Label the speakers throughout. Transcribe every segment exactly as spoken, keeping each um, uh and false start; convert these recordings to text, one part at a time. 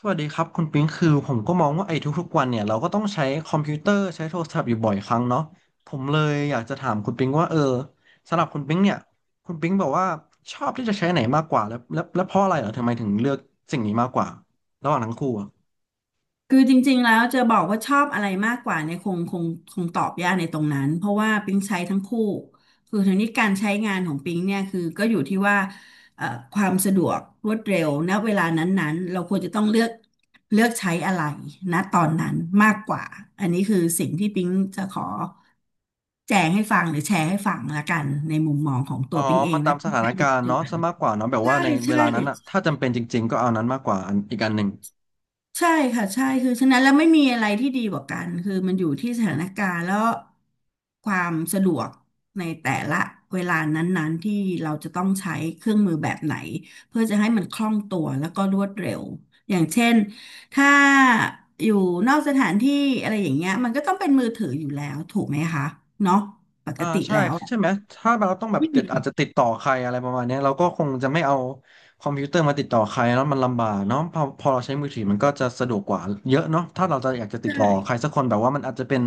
Speaker 1: สวัสดีครับคุณปิ๊งคือผมก็มองว่าไอ้ทุกๆวันเนี่ยเราก็ต้องใช้คอมพิวเตอร์ใช้โทรศัพท์อยู่บ่อยครั้งเนาะผมเลยอยากจะถามคุณปิ๊งว่าเออสำหรับคุณปิ๊งเนี่ยคุณปิ๊งบอกว่าชอบที่จะใช้ไหนมากกว่าแล้วแล้วแล้วเพราะอะไรเหรอทำไมถึงเลือกสิ่งนี้มากกว่าระหว่างทั้งคู่อะ
Speaker 2: คือจริงๆแล้วจะบอกว่าชอบอะไรมากกว่าเนี่ยคงคงคงตอบยากในตรงนั้นเพราะว่าปิ๊งใช้ทั้งคู่คือทีนี้การใช้งานของปิ๊งเนี่ยคือก็อยู่ที่ว่าเอ่อความสะดวกรวดเร็วณเวลานั้นๆเราควรจะต้องเลือกเลือกใช้อะไรณตอนนั้นมากกว่าอันนี้คือสิ่งที่ปิ๊งจะขอแจงให้ฟังหรือแชร์ให้ฟังละกันในมุมมองของตั
Speaker 1: อ๋อ
Speaker 2: วปิ๊งเอ
Speaker 1: มั
Speaker 2: ง
Speaker 1: น
Speaker 2: และ
Speaker 1: ตามส
Speaker 2: ที่
Speaker 1: ถาน
Speaker 2: ใช้อยู่
Speaker 1: กา
Speaker 2: ปั
Speaker 1: ร
Speaker 2: จ
Speaker 1: ณ์
Speaker 2: จุ
Speaker 1: เนาะ
Speaker 2: บัน
Speaker 1: ซะมากกว่าเนาะแบบ
Speaker 2: ใช่
Speaker 1: ว่าในเว
Speaker 2: ใช่
Speaker 1: ลานั้นอะถ้าจำเป็นจริงๆก็เอานั้นมากกว่าอันอีกอันหนึ่ง
Speaker 2: ใช่ค่ะใช่คือฉะนั้นแล้วไม่มีอะไรที่ดีกว่ากันคือมันอยู่ที่สถานการณ์แล้วความสะดวกในแต่ละเวลานั้นๆที่เราจะต้องใช้เครื่องมือแบบไหนเพื่อจะให้มันคล่องตัวแล้วก็รวดเร็วอย่างเช่นถ้าอยู่นอกสถานที่อะไรอย่างเงี้ยมันก็ต้องเป็นมือถืออยู่แล้วถูกไหมคะเนาะปก
Speaker 1: อ่า
Speaker 2: ติ
Speaker 1: ใช่
Speaker 2: แล้วอะ
Speaker 1: ใช่ไหมถ้าเราต้องแบบ
Speaker 2: อื
Speaker 1: ติดอาจ
Speaker 2: ม
Speaker 1: จะติดต่อใครอะไรประมาณเนี้ยเราก็คงจะไม่เอาคอมพิวเตอร์มาติดต่อใครแล้วมันลำบากเนาะพอพอเราใช้มือถือมันก็จะสะดวกกว่าเยอะเนาะถ้าเราจะอยากจะติด
Speaker 2: ใช่
Speaker 1: ต่อใครสักคนแบบว่ามันอาจจะเป็น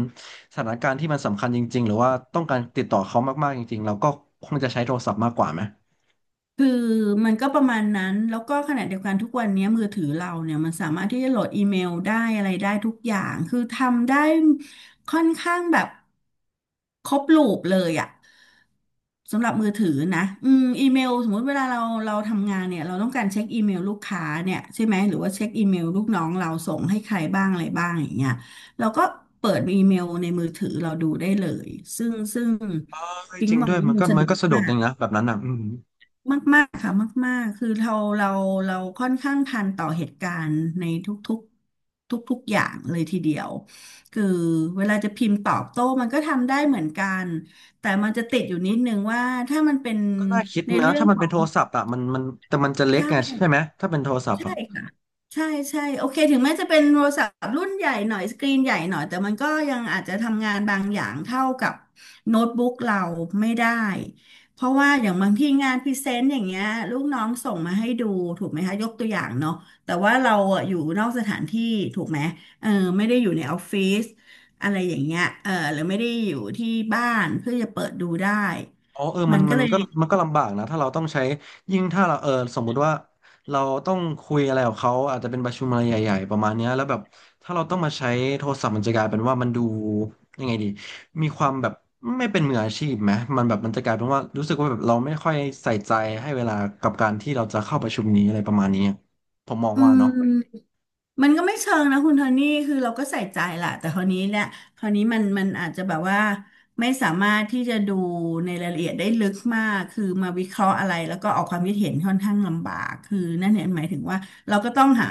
Speaker 1: สถานการณ์ที่มันสำคัญจริงๆหรือว่าต้องการติดต่อเขามากๆจริงๆเราก็คงจะใช้โทรศัพท์มากกว่าไหม
Speaker 2: คือมันก็ประมาณนั้นแล้วก็ขณะเดียวกันทุกวันนี้มือถือเราเนี่ยมันสามารถที่จะโหลดอีเมลได้อะไรได้ทุกอย่างคือทำได้ค่อนข้างแบบครบลูปเลยอะสำหรับมือถือนะอืมอีเมลสมมุติเวลาเราเราทำงานเนี่ยเราต้องการเช็คอีเมลลูกค้าเนี่ยใช่ไหมหรือว่าเช็คอีเมลลูกน้องเราส่งให้ใครบ้างอะไรบ้างอย่างเงี้ยเราก็เปิดอีเมลในมือถือเราดูได้เลยซึ่งซึ่ง
Speaker 1: เออ
Speaker 2: ปิ๊
Speaker 1: จ
Speaker 2: ง
Speaker 1: ริง
Speaker 2: มอ
Speaker 1: ด้
Speaker 2: ง
Speaker 1: วย
Speaker 2: ว่า
Speaker 1: มัน
Speaker 2: มัน
Speaker 1: ก็
Speaker 2: สะ
Speaker 1: มั
Speaker 2: ด
Speaker 1: นก็
Speaker 2: วก
Speaker 1: สะดวก
Speaker 2: มา
Speaker 1: จ
Speaker 2: ก
Speaker 1: ริงนะแบบนั้นอ่ะอืม
Speaker 2: มากๆค่ะมากๆคือเราเราเราค่อนข้างทันต่อเหตุการณ์ในทุกๆทุกๆอย่างเลยทีเดียวคือเวลาจะพิมพ์ตอบโต้มันก็ทำได้เหมือนกันแต่มันจะติดอยู่นิดนึงว่าถ้ามันเป็น
Speaker 1: ก็น่าคิด
Speaker 2: ใน
Speaker 1: นะ
Speaker 2: เรื่อง
Speaker 1: ถ้ามั
Speaker 2: ข
Speaker 1: น
Speaker 2: อ
Speaker 1: เป็น
Speaker 2: ง
Speaker 1: โทรศัพท์อ่ะมันมันแต่มันจะเล็ก
Speaker 2: ใช่
Speaker 1: ไงใช่ไหมถ้าเป็นโทรศัพท์
Speaker 2: ใช่
Speaker 1: อ่ะ
Speaker 2: ค่ะใช่ใช่โอเคถึงแม้จะเป็นโทรศัพท์รุ่นใหญ่หน่อยสกรีนใหญ่หน่อยแต่มันก็ยังอาจจะทำงานบางอย่างเท่ากับโน้ตบุ๊กเราไม่ได้เพราะว่าอย่างบางที่งานพรีเซนต์อย่างเงี้ยลูกน้องส่งมาให้ดูถูกไหมคะยกตัวอย่างเนาะแต่ว่าเราอะอยู่นอกสถานที่ถูกไหมเออไม่ได้อยู่ในออฟฟิศอะไรอย่างเงี้ยเออหรือไม่ได้อยู่ที่บ้านเพื่อจะเปิดดูได้
Speaker 1: อ๋อเออมั
Speaker 2: มั
Speaker 1: น
Speaker 2: นก็
Speaker 1: มัน
Speaker 2: เลย
Speaker 1: ก็มันก็ลำบากนะถ้าเราต้องใช้ยิ่งถ้าเราเออสมมุติว่าเราต้องคุยอะไรกับเขาอาจจะเป็นประชุมอะไรใหญ่ๆประมาณเนี้ยแล้วแบบถ้าเราต้องมาใช้โทรศัพท์มันจะกลายเป็นว่ามันดูยังไงดีมีความแบบไม่เป็นมืออาชีพไหมมันแบบมันจะกลายเป็นว่ารู้สึกว่าแบบเราไม่ค่อยใส่ใจให้เวลากับการที่เราจะเข้าประชุมนี้อะไรประมาณนี้ผมมอง
Speaker 2: อื
Speaker 1: ว่า
Speaker 2: ม
Speaker 1: เนาะ
Speaker 2: มันก็ไม่เชิงนะคุณโทนี่คือเราก็ใส่ใจแหละ แต่คราวนี้เนี่ยคราวนี้มันมันอาจจะแบบว่าไม่สามารถที่จะดูในรายละเอียดได้ลึกมาก คือมาวิเคราะห์อะไรแล้วก็ออกความคิดเห็นค่อนข้างลำบาก คือนั่นเนี่ยหมายถึงว่าเราก็ต้องหา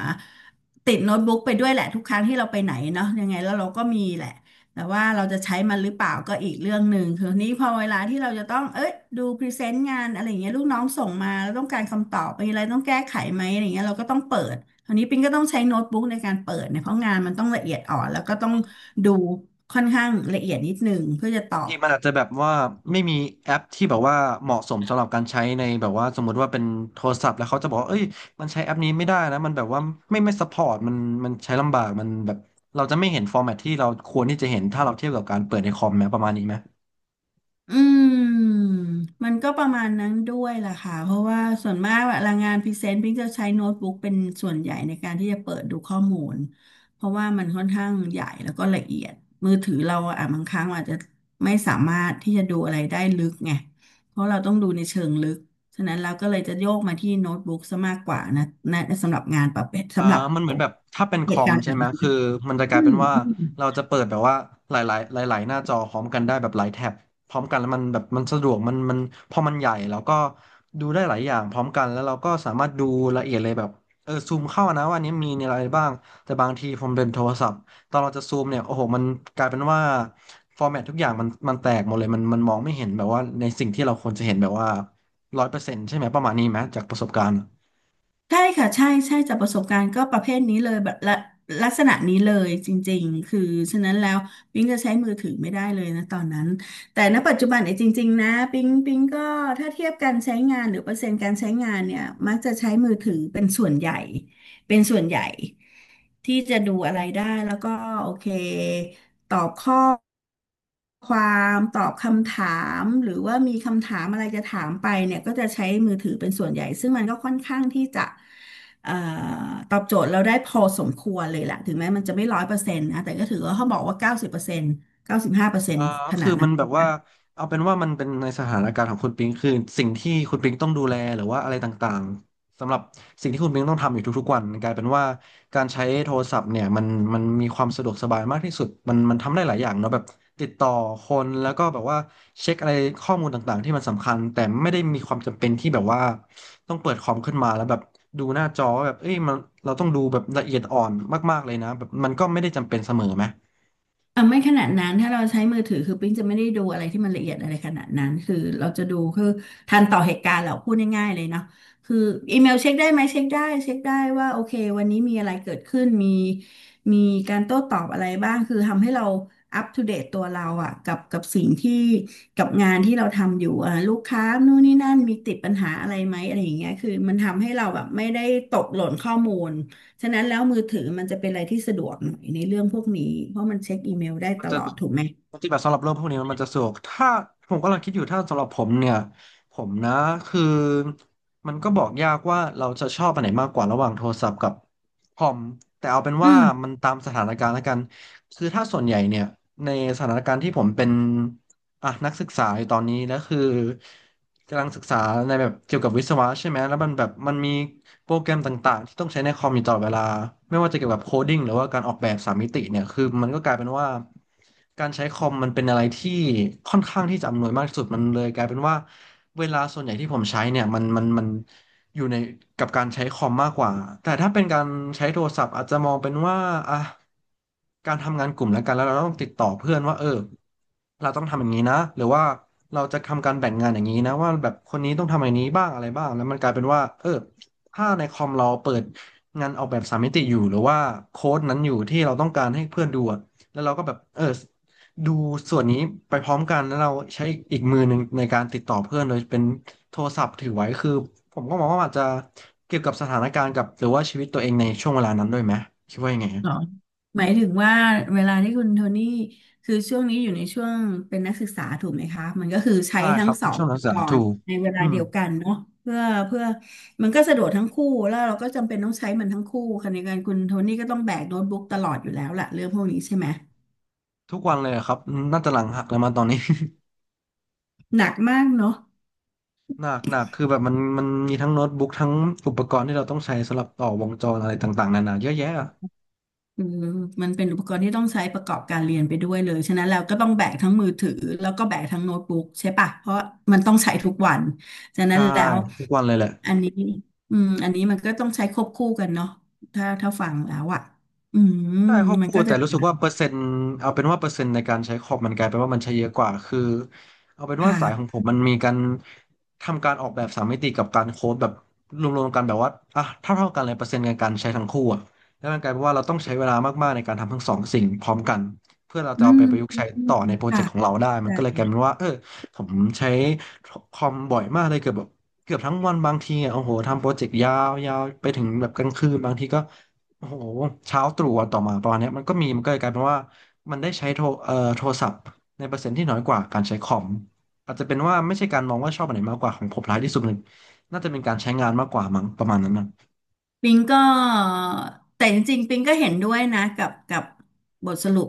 Speaker 2: ติดโน้ตบุ๊กไปด้วยแหละทุกครั้งที่เราไปไหนเนาะยังไงแล้วเราก็มีแหละ แต่ว่าเราจะใช้มันหรือเปล่าก็อีกเรื่องหนึ่งคือนี้พอเวลาที่เราจะต้องเอ้ยดูพรีเซนต์งานอะไรอย่างเงี้ยลูกน้องส่งมาแล้วต้องการคำตอบมีอะไรต้องแก้ไขไหมอะไรอย่างเงี้ยเราก็ต้องเปิด อันนี้ปิงก็ต้องใช้โน้ตบุ๊กในการเปิดเนี่ยเพราะงานมันต้องละเอียดอ่อนแล้วก็ต้องดูค่อนข้างละเอียดนิดนึงเพื่อจะตอ
Speaker 1: ที
Speaker 2: บ
Speaker 1: มมันอาจจะแบบว่าไม่มีแอปที่แบบว่าเหมาะสมสำหรับการใช้ในแบบว่าสมมุติว่าเป็นโทรศัพท์แล้วเขาจะบอกว่าเอ้ยมันใช้แอปนี้ไม่ได้นะมันแบบว่าไม่ไม่ซัพพอร์ตมันมันใช้ลำบากมันแบบเราจะไม่เห็นฟอร์แมตที่เราควรที่จะเห็นถ้าเราเทียบกับการเปิดในคอมไหมประมาณนี้ไหม
Speaker 2: อืมมันก็ประมาณนั้นด้วยล่ะค่ะเพราะว่าส่วนมากเวลางานพรีเซนต์พิงจะใช้โน้ตบุ๊กเป็นส่วนใหญ่ในการที่จะเปิดดูข้อมูลเพราะว่ามันค่อนข้างใหญ่แล้วก็ละเอียดมือถือเราอะบางครั้งอาจจะไม่สามารถที่จะดูอะไรได้ลึกไงเพราะเราต้องดูในเชิงลึกฉะนั้นเราก็เลยจะโยกมาที่โน้ตบุ๊กซะมากกว่านะนะสำหรับงานประเภท
Speaker 1: อ่า
Speaker 2: สำหรับ
Speaker 1: มันเหมือนแบบถ้าเป็นค
Speaker 2: เห
Speaker 1: อ
Speaker 2: ตุ
Speaker 1: ม
Speaker 2: การณ์แบ
Speaker 1: ใช่
Speaker 2: บ
Speaker 1: ไหม
Speaker 2: นี้
Speaker 1: คือมันจะก
Speaker 2: อื
Speaker 1: ลายเป็
Speaker 2: ม
Speaker 1: นว่าเราจะเปิดแบบว่าหลายๆหลายๆหน้าจอพร้อมกันได้แบบหลายแท็บพร้อมกันแล้วมันแบบมันสะดวกมันมันพอมันใหญ่แล้วก็ดูได้หลายอย่างพร้อมกันแล้วเราก็สามารถดูละเอียดเลยแบบเออซูมเข้านะว่าอันนี้มีอะไรบ้างแต่บางทีผมเป็นโทรศัพท์ตอนเราจะซูมเนี่ยโอ้โหมันกลายเป็นว่าฟอร์แมตทุกอย่างมันมันแตกหมดเลยมันมันมองไม่เห็นแบบว่าในสิ่งที่เราควรจะเห็นแบบว่าร้อยเปอร์เซ็นต์ใช่ไหมประมาณนี้ไหมจากประสบการณ์
Speaker 2: ใช่ค่ะใช่ใช่จากประสบการณ์ก็ประเภทนี้เลยแบบละลักษณะนี้เลยจริงๆคือฉะนั้นแล้วปิ๊งจะใช้มือถือไม่ได้เลยนะตอนนั้นแต่ณปัจจุบันเนี่ยจริงๆนะปิ๊งปิ๊งก็ถ้าเทียบการใช้งานหรือเปอร์เซ็นต์การใช้งานเนี่ยมักจะใช้มือถือเป็นส่วนใหญ่ เป็นส่วนใหญ่ที่จะดูอะไรได้แล้วก็โอเคตอบข้อความตอบคำถามหรือว่ามีคำถามอะไรจะถามไปเนี่ยก็จะใช้มือถือเป็นส่วนใหญ่ซึ่งมันก็ค่อนข้างที่จะเอ่อตอบโจทย์เราได้พอสมควรเลยแหละถึงแม้มันจะไม่ร้อยเปอร์เซ็นต์นะแต่ก็ถือว่าเขาบอกว่าเก้าสิบเปอร์เซ็นต์เก้าสิบห้าเปอร์เซ็น
Speaker 1: อ่า
Speaker 2: ต์ขนา
Speaker 1: คือ
Speaker 2: ด
Speaker 1: มั
Speaker 2: นั้
Speaker 1: น
Speaker 2: นเล
Speaker 1: แบบ
Speaker 2: ย
Speaker 1: ว่า
Speaker 2: นะ
Speaker 1: เอาเป็นว่ามันเป็นในสถานการณ์ของคุณปิงคือสิ่งที่คุณปิงต้องดูแลหรือว่าอะไรต่างๆสำหรับสิ่งที่คุณปิงต้องทำอยู่ทุกๆวันกลายเป็นว่าการใช้โทรศัพท์เนี่ยมันมันมีความสะดวกสบายมากที่สุดมันมันทำได้หลายอย่างเนาะแบบติดต่อคนแล้วก็แบบว่าเช็คอะไรข้อมูลต่างๆที่มันสำคัญแต่ไม่ได้มีความจำเป็นที่แบบว่าต้องเปิดคอมขึ้นมาแล้วแบบดูหน้าจอว่าแบบเอ้ยมันเราต้องดูแบบละเอียดอ่อนมากๆเลยนะแบบมันก็ไม่ได้จำเป็นเสมอไหม
Speaker 2: อ่ะไม่ขนาดนั้นถ้าเราใช้มือถือคือปิ๊งจะไม่ได้ดูอะไรที่มันละเอียดอะไรขนาดนั้นคือเราจะดูคือทันต่อเหตุการณ์เราพูดง่ายๆเลยเนาะคืออีเมลเช็คได้ไหมเช็คได้เช็คได้ว่าโอเควันนี้มีอะไรเกิดขึ้นมีมีการโต้ตอบอะไรบ้างคือทำให้เราอัปทูเดตตัวเราอ่ะกับกับสิ่งที่กับงานที่เราทำอยู่อ่ะลูกค้านู่นนี่นั่นมีติดปัญหาอะไรไหมอะไรอย่างเงี้ยคือมันทำให้เราแบบไม่ได้ตกหล่นข้อมูล ฉะนั้นแล้วมือถือมันจะเป็นอะไรที่สะดวกหน่อยในเรื่องพวกนี้เพราะมันเช็คอีเมลได้
Speaker 1: มั
Speaker 2: ต
Speaker 1: นจะ
Speaker 2: ลอดถูกไหม
Speaker 1: ปฏิบัติสำหรับเรื่องพวกนี้มันจะสะดวกถ้าผมกำลังคิดอยู่ถ้าสำหรับผมเนี่ยผมนะคือมันก็บอกยากว่าเราจะชอบอันไหนมากกว่าระหว่างโทรศัพท์กับคอมแต่เอาเป็น
Speaker 2: อื
Speaker 1: ว่า
Speaker 2: ม
Speaker 1: มันตามสถานการณ์แล้วกันคือถ้าส่วนใหญ่เนี่ยในสถานการณ์ที่ผมเป็น อ่ะนักศึกษาอยู่ตอนนี้แล้วคือกำลังศึกษาในแบบเกี่ยวกับวิศวะใช่ไหมแล้วมันแบบมันมีโปรแกรมต่างๆที่ต้องใช้ในคอมอยู่ตลอดเวลาไม่ว่าจะเกี่ยวกับโคดิ้งหรือว่าการออกแบบสามมิติเนี่ยคือมันก็กลายเป็นว่าการใช้คอมมันเป็นอะไรที่ค่อนข้างที่จะอำนวยมากที่สุดมันเลยกลายเป็นว่าเวลาส่วนใหญ่ที่ผมใช้เนี่ยมันมันมัน อยู่ในกับการใช้คอมมากกว่าแต่ถ้าเป็นการใช้โทรศัพท์อาจจะมองเป็นว่าอ่ะการทำงานกลุ่มแล้วกันแล้วเราต้องติดต่อเพื่อนว่าเออเราต้องทำอย่างนี้นะหรือว่าเราจะทำการแบ่งงานอย่างนี้นะว่าแบบคนนี้ต้องทำอย่างนี้บ้างอะไรบ้างแล้วมันกลายเป็นว่าเออถ้าในคอมเราเปิดงานออกแบบสามมิติอยู่หรือว่าโค้ดนั้นอยู่ที่เราต้องการให้เพื่อนดูอะแล้วเราก็แบบเออ ดูส่วนนี้ไปพร้อมกันแล้วเราใช้อีกมือหนึ่งในการติดต่อเพื่อนโดยเป็นโทรศัพท์ถือไว้คือผมก็มองว่าอาจจะเกี่ยวกับสถานการณ์กับหรือว่าชีวิตตัวเองในช่วงเวลานั้นด้วยไหมคิดว่ายังไงฮะ
Speaker 2: เหรอหมายถึงว่าเวลาที่คุณโทนี่คือช่วงนี้อยู่ในช่วงเป็นนักศึกษาถูกไหมคะมันก็คือใช้
Speaker 1: ใช่ค
Speaker 2: ทั้ง
Speaker 1: รับ
Speaker 2: สอง
Speaker 1: ช่วงนัก
Speaker 2: อุ
Speaker 1: ศึก
Speaker 2: ป
Speaker 1: ษา
Speaker 2: ก
Speaker 1: ถู
Speaker 2: รณ์
Speaker 1: ก
Speaker 2: ในเวลา
Speaker 1: อืม
Speaker 2: เดียวกันเนาะเพื่อเพื่อมันก็สะดวกทั้งคู่แล้วเราก็จำเป็นต้องใช้มันทั้งคู่ขณะเดียวกันคุณโทนี่ก็ต้องแบกโน้ตบุ๊กตลอดอยู่แล้วล่ะเรื่องพวกนี้ใช่ไหม
Speaker 1: ทุกวันเลยอะครับน่าจะหลังหักแล้วมาตอนนี้
Speaker 2: หนักมากเนาะ
Speaker 1: หนักหนักคือแบบมันมันมีทั้งโน้ตบุ๊กทั้งอุปกรณ์ที่เราต้องใช้สำหรับต่อวงจรอะไรต่างๆนานาเยอะแยะอะ
Speaker 2: คือมันเป็นอุปกรณ์ที่ต้องใช้ประกอบการเรียนไปด้วยเลยฉะนั้นแล้วก็ต้องแบกทั้งมือถือแล้วก็แบกทั้งโน้ตบุ๊กใช่ปะเพราะมันต้องใช้ทุกวันฉะนั้น
Speaker 1: ใช่
Speaker 2: แล้ว
Speaker 1: ทุกวันเลยแหละ
Speaker 2: อันนี้อืมอันนี้มันก็ต้องใช้ควบคู่กันเนาะถ้าถ้าฟังแล้วอ่ะอืม
Speaker 1: ใช่ควบ
Speaker 2: มัน
Speaker 1: คู่
Speaker 2: ก็
Speaker 1: แต่
Speaker 2: จะ
Speaker 1: รู้สึกว่าเปอร์เซ็นต์เอาเป็นว่าเปอร์เซ็นต์ในการใช้คอมมันกลายเป็นว่ามันใช้เยอะกว่าคือเอาเป็นว่า
Speaker 2: ค่ะ
Speaker 1: สายของผมมันมีการทำการออกแบบสามมิติกับการโค้ดแบบรวมๆกันแบบว่าอ่ะเท่าเท่ากันเลยเปอร์เซ็นต์ในการใช้ทั้งคู่อะแล้วมันกลายเป็นว่าเราต้องใช้เวลามากๆในการทำทั้งสองสิ่งพร้อมกันเพื่อเราจะ
Speaker 2: อื
Speaker 1: เอาไปประยุกต์
Speaker 2: ม
Speaker 1: ใช้ต่อในโปรเจก
Speaker 2: ค่ะ
Speaker 1: ต์ของเราได้มัน
Speaker 2: ได้
Speaker 1: ก็เลยกลายเป็นว่าเออผมใช้คอมบ่อยมากเลยเกือบแบบเกือบทั้งวันบางทีอะโอ้โหทำโปรเจกต์ยาวๆไปถึงแบบกลางคืนบางทีก็ โอ้โหเช้าตรู่วันต่อมาประมาณเนี้ยมันก็มีมันก็เลยกลายเป็นว่ามันได้ใช้โทรเอ่อโทรศัพท์ในเปอร์เซ็นต์ที่น้อยกว่าการใช้คอมอาจจะเป็นว่าไม่ใช่การมองว่าชอบอันไหนมากกว่าของผมร้ายที่สุดเลยน่าจะเป็นการใช้งานมากกว่ามั้งประมาณนั้นนะ
Speaker 2: ปิงก็แต่จริงๆปิงก็เห็นด้วยนะกับกับบทสรุป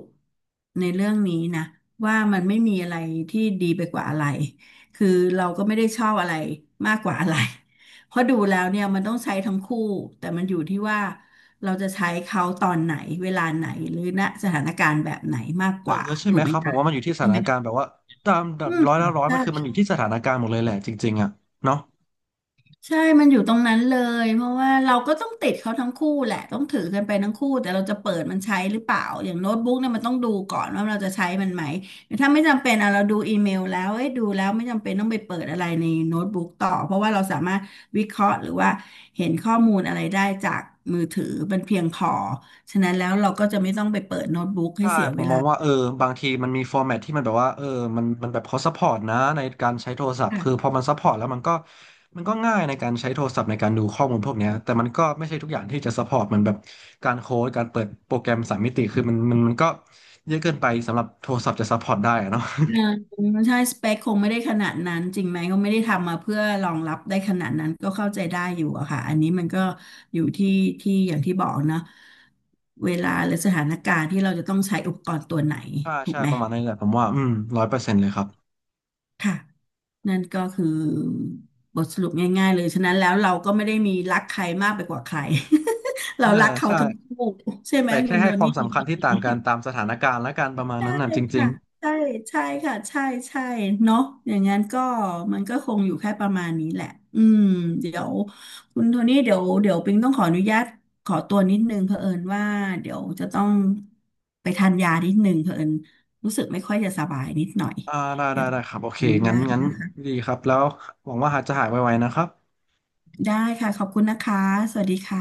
Speaker 2: ในเรื่องนี้นะว่ามันไม่มีอะไรที่ดีไปกว่าอะไรคือเราก็ไม่ได้ชอบอะไรมากกว่าอะไร เพราะดูแล้วเนี่ยมันต้องใช้ทั้งคู่แต่มันอยู่ที่ว่าเราจะใช้เขาตอนไหนเวลาไหนหรือณสถานการณ์แบบไหนมาก
Speaker 1: เอ
Speaker 2: ก
Speaker 1: อ
Speaker 2: ว่า
Speaker 1: ใช่
Speaker 2: ถู
Speaker 1: ไหม
Speaker 2: กไห
Speaker 1: ค
Speaker 2: ม
Speaker 1: รับผม
Speaker 2: คะ
Speaker 1: ว่ามันอยู่ที่ส
Speaker 2: ใช่
Speaker 1: ถา
Speaker 2: ไหม
Speaker 1: นการณ์แบบว่าตามแบบ
Speaker 2: อืม
Speaker 1: ร้อยละร้อยมั
Speaker 2: ใช่
Speaker 1: นคือมันอยู่ที่สถานการณ์หมดเลยแหละจริงๆอ่ะเนาะ
Speaker 2: ใช่ มันอยู่ตรงนั้นเลยเพราะว่าเราก็ต้องติดเขาทั้งคู่แหละ ต้องถือกันไปทั้งคู่แต่เราจะเปิดมันใช้หรือเปล่า อย่างโน้ตบุ๊กเนี่ยมันต้องดูก่อนว่าเราจะใช้มันไหมถ้าไม่จำเป็นอะเราดูอีเมลแล้วเอ้ยดูแล้วไม่จำเป็นต้องไปเปิดอะไรในโน้ตบุ๊กต่อ เพราะว่าเราสามารถวิเคราะห์หรือว่าเห็นข้อมูลอะไรได้จากมือถือเป็นเพียงพอฉะนั้นแล้วเราก็จะไม่ต้องไปเปิดโน้ตบุ๊กให้
Speaker 1: ใช่
Speaker 2: เสีย
Speaker 1: ผ
Speaker 2: เว
Speaker 1: มม
Speaker 2: ลา
Speaker 1: องว่าเออบางทีมันมีฟอร์แมตที่มันแบบว่าเออมันมันแบบเขาซัพพอร์ตนะในการใช้โทรศัพท์คือพอมันซัพพอร์ตแล้วมันก็มันก็ง่ายในการใช้โทรศัพท์ในการดูข้อมูลพวกเนี้ยแต่มันก็ไม่ใช่ทุกอย่างที่จะซัพพอร์ตเหมือนแบบการโค้ดการเปิดโปรแกรมสามมิติคือมันมันมันก็เยอะเกินไปสำหรับโทรศัพท์จะซัพพอร์ตได้อะเนาะ
Speaker 2: เออ ใช่สเปคคงไม่ได้ขนาดนั้นจริงไหมก็ไม่ได้ทำมาเพื่อรองรับได้ขนาดนั้นก็เข้าใจได้อยู่อะค่ะอันนี้มันก็อยู่ที่ที่อย่างที่บอกเนอะเวลาหรือสถานการณ์ที่เราจะต้องใช้อุปกรณ์ตัวไหน
Speaker 1: ใช่
Speaker 2: ถู
Speaker 1: ใช่
Speaker 2: กไหม
Speaker 1: ประมาณนั้นแหละผมว่าอืมร้อยเปอร์เซ็นต์เลยครับ
Speaker 2: ค่ะนั่นก็คือบทสรุปง่ายๆเลยฉะนั้นแล้วเราก็ไม่ได้มีรักใครมากไปกว่าใคร
Speaker 1: เอ
Speaker 2: เรา
Speaker 1: อ
Speaker 2: รักเขา
Speaker 1: ใช่
Speaker 2: ทั้งคู่ใช่ไหม
Speaker 1: แต่
Speaker 2: คุ
Speaker 1: แค่
Speaker 2: ณโด
Speaker 1: ให้ควา
Speaker 2: นี่
Speaker 1: มสำคัญที่ต่างกัน ตามสถานการณ์และการประมาณ
Speaker 2: ใช่
Speaker 1: นั้นน่ะจริง
Speaker 2: ค่ะใช่ใช่ค่ะใช่ใช่เนาะอย่างนั้นก็มันก็คงอยู่แค่ประมาณนี้แหละอืมเดี๋ยวคุณโทนี่เดี๋ยวเดี๋ยวปิงต้องขออนุญาตขอตัวนิดนึงเผอิญว่าเดี๋ยวจะต้องไปทานยานิดนึงเผอิญรู้สึกไม่ค่อยจะสบายนิดหน่อย
Speaker 1: อ่าได้
Speaker 2: เดี๋
Speaker 1: ได้
Speaker 2: ยวต้อ
Speaker 1: ได้
Speaker 2: ง
Speaker 1: ครั
Speaker 2: ข
Speaker 1: บ
Speaker 2: อ
Speaker 1: โอเค
Speaker 2: อนุ
Speaker 1: งั้
Speaker 2: ญา
Speaker 1: น
Speaker 2: ต
Speaker 1: งั้น
Speaker 2: นะคะ
Speaker 1: ดีครับแล้วหวังว่าหาจะหายไวๆนะครับ
Speaker 2: ได้ค่ะขอบคุณนะคะสวัสดีค่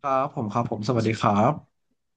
Speaker 1: ครับผมครับผมสวัสดีครับ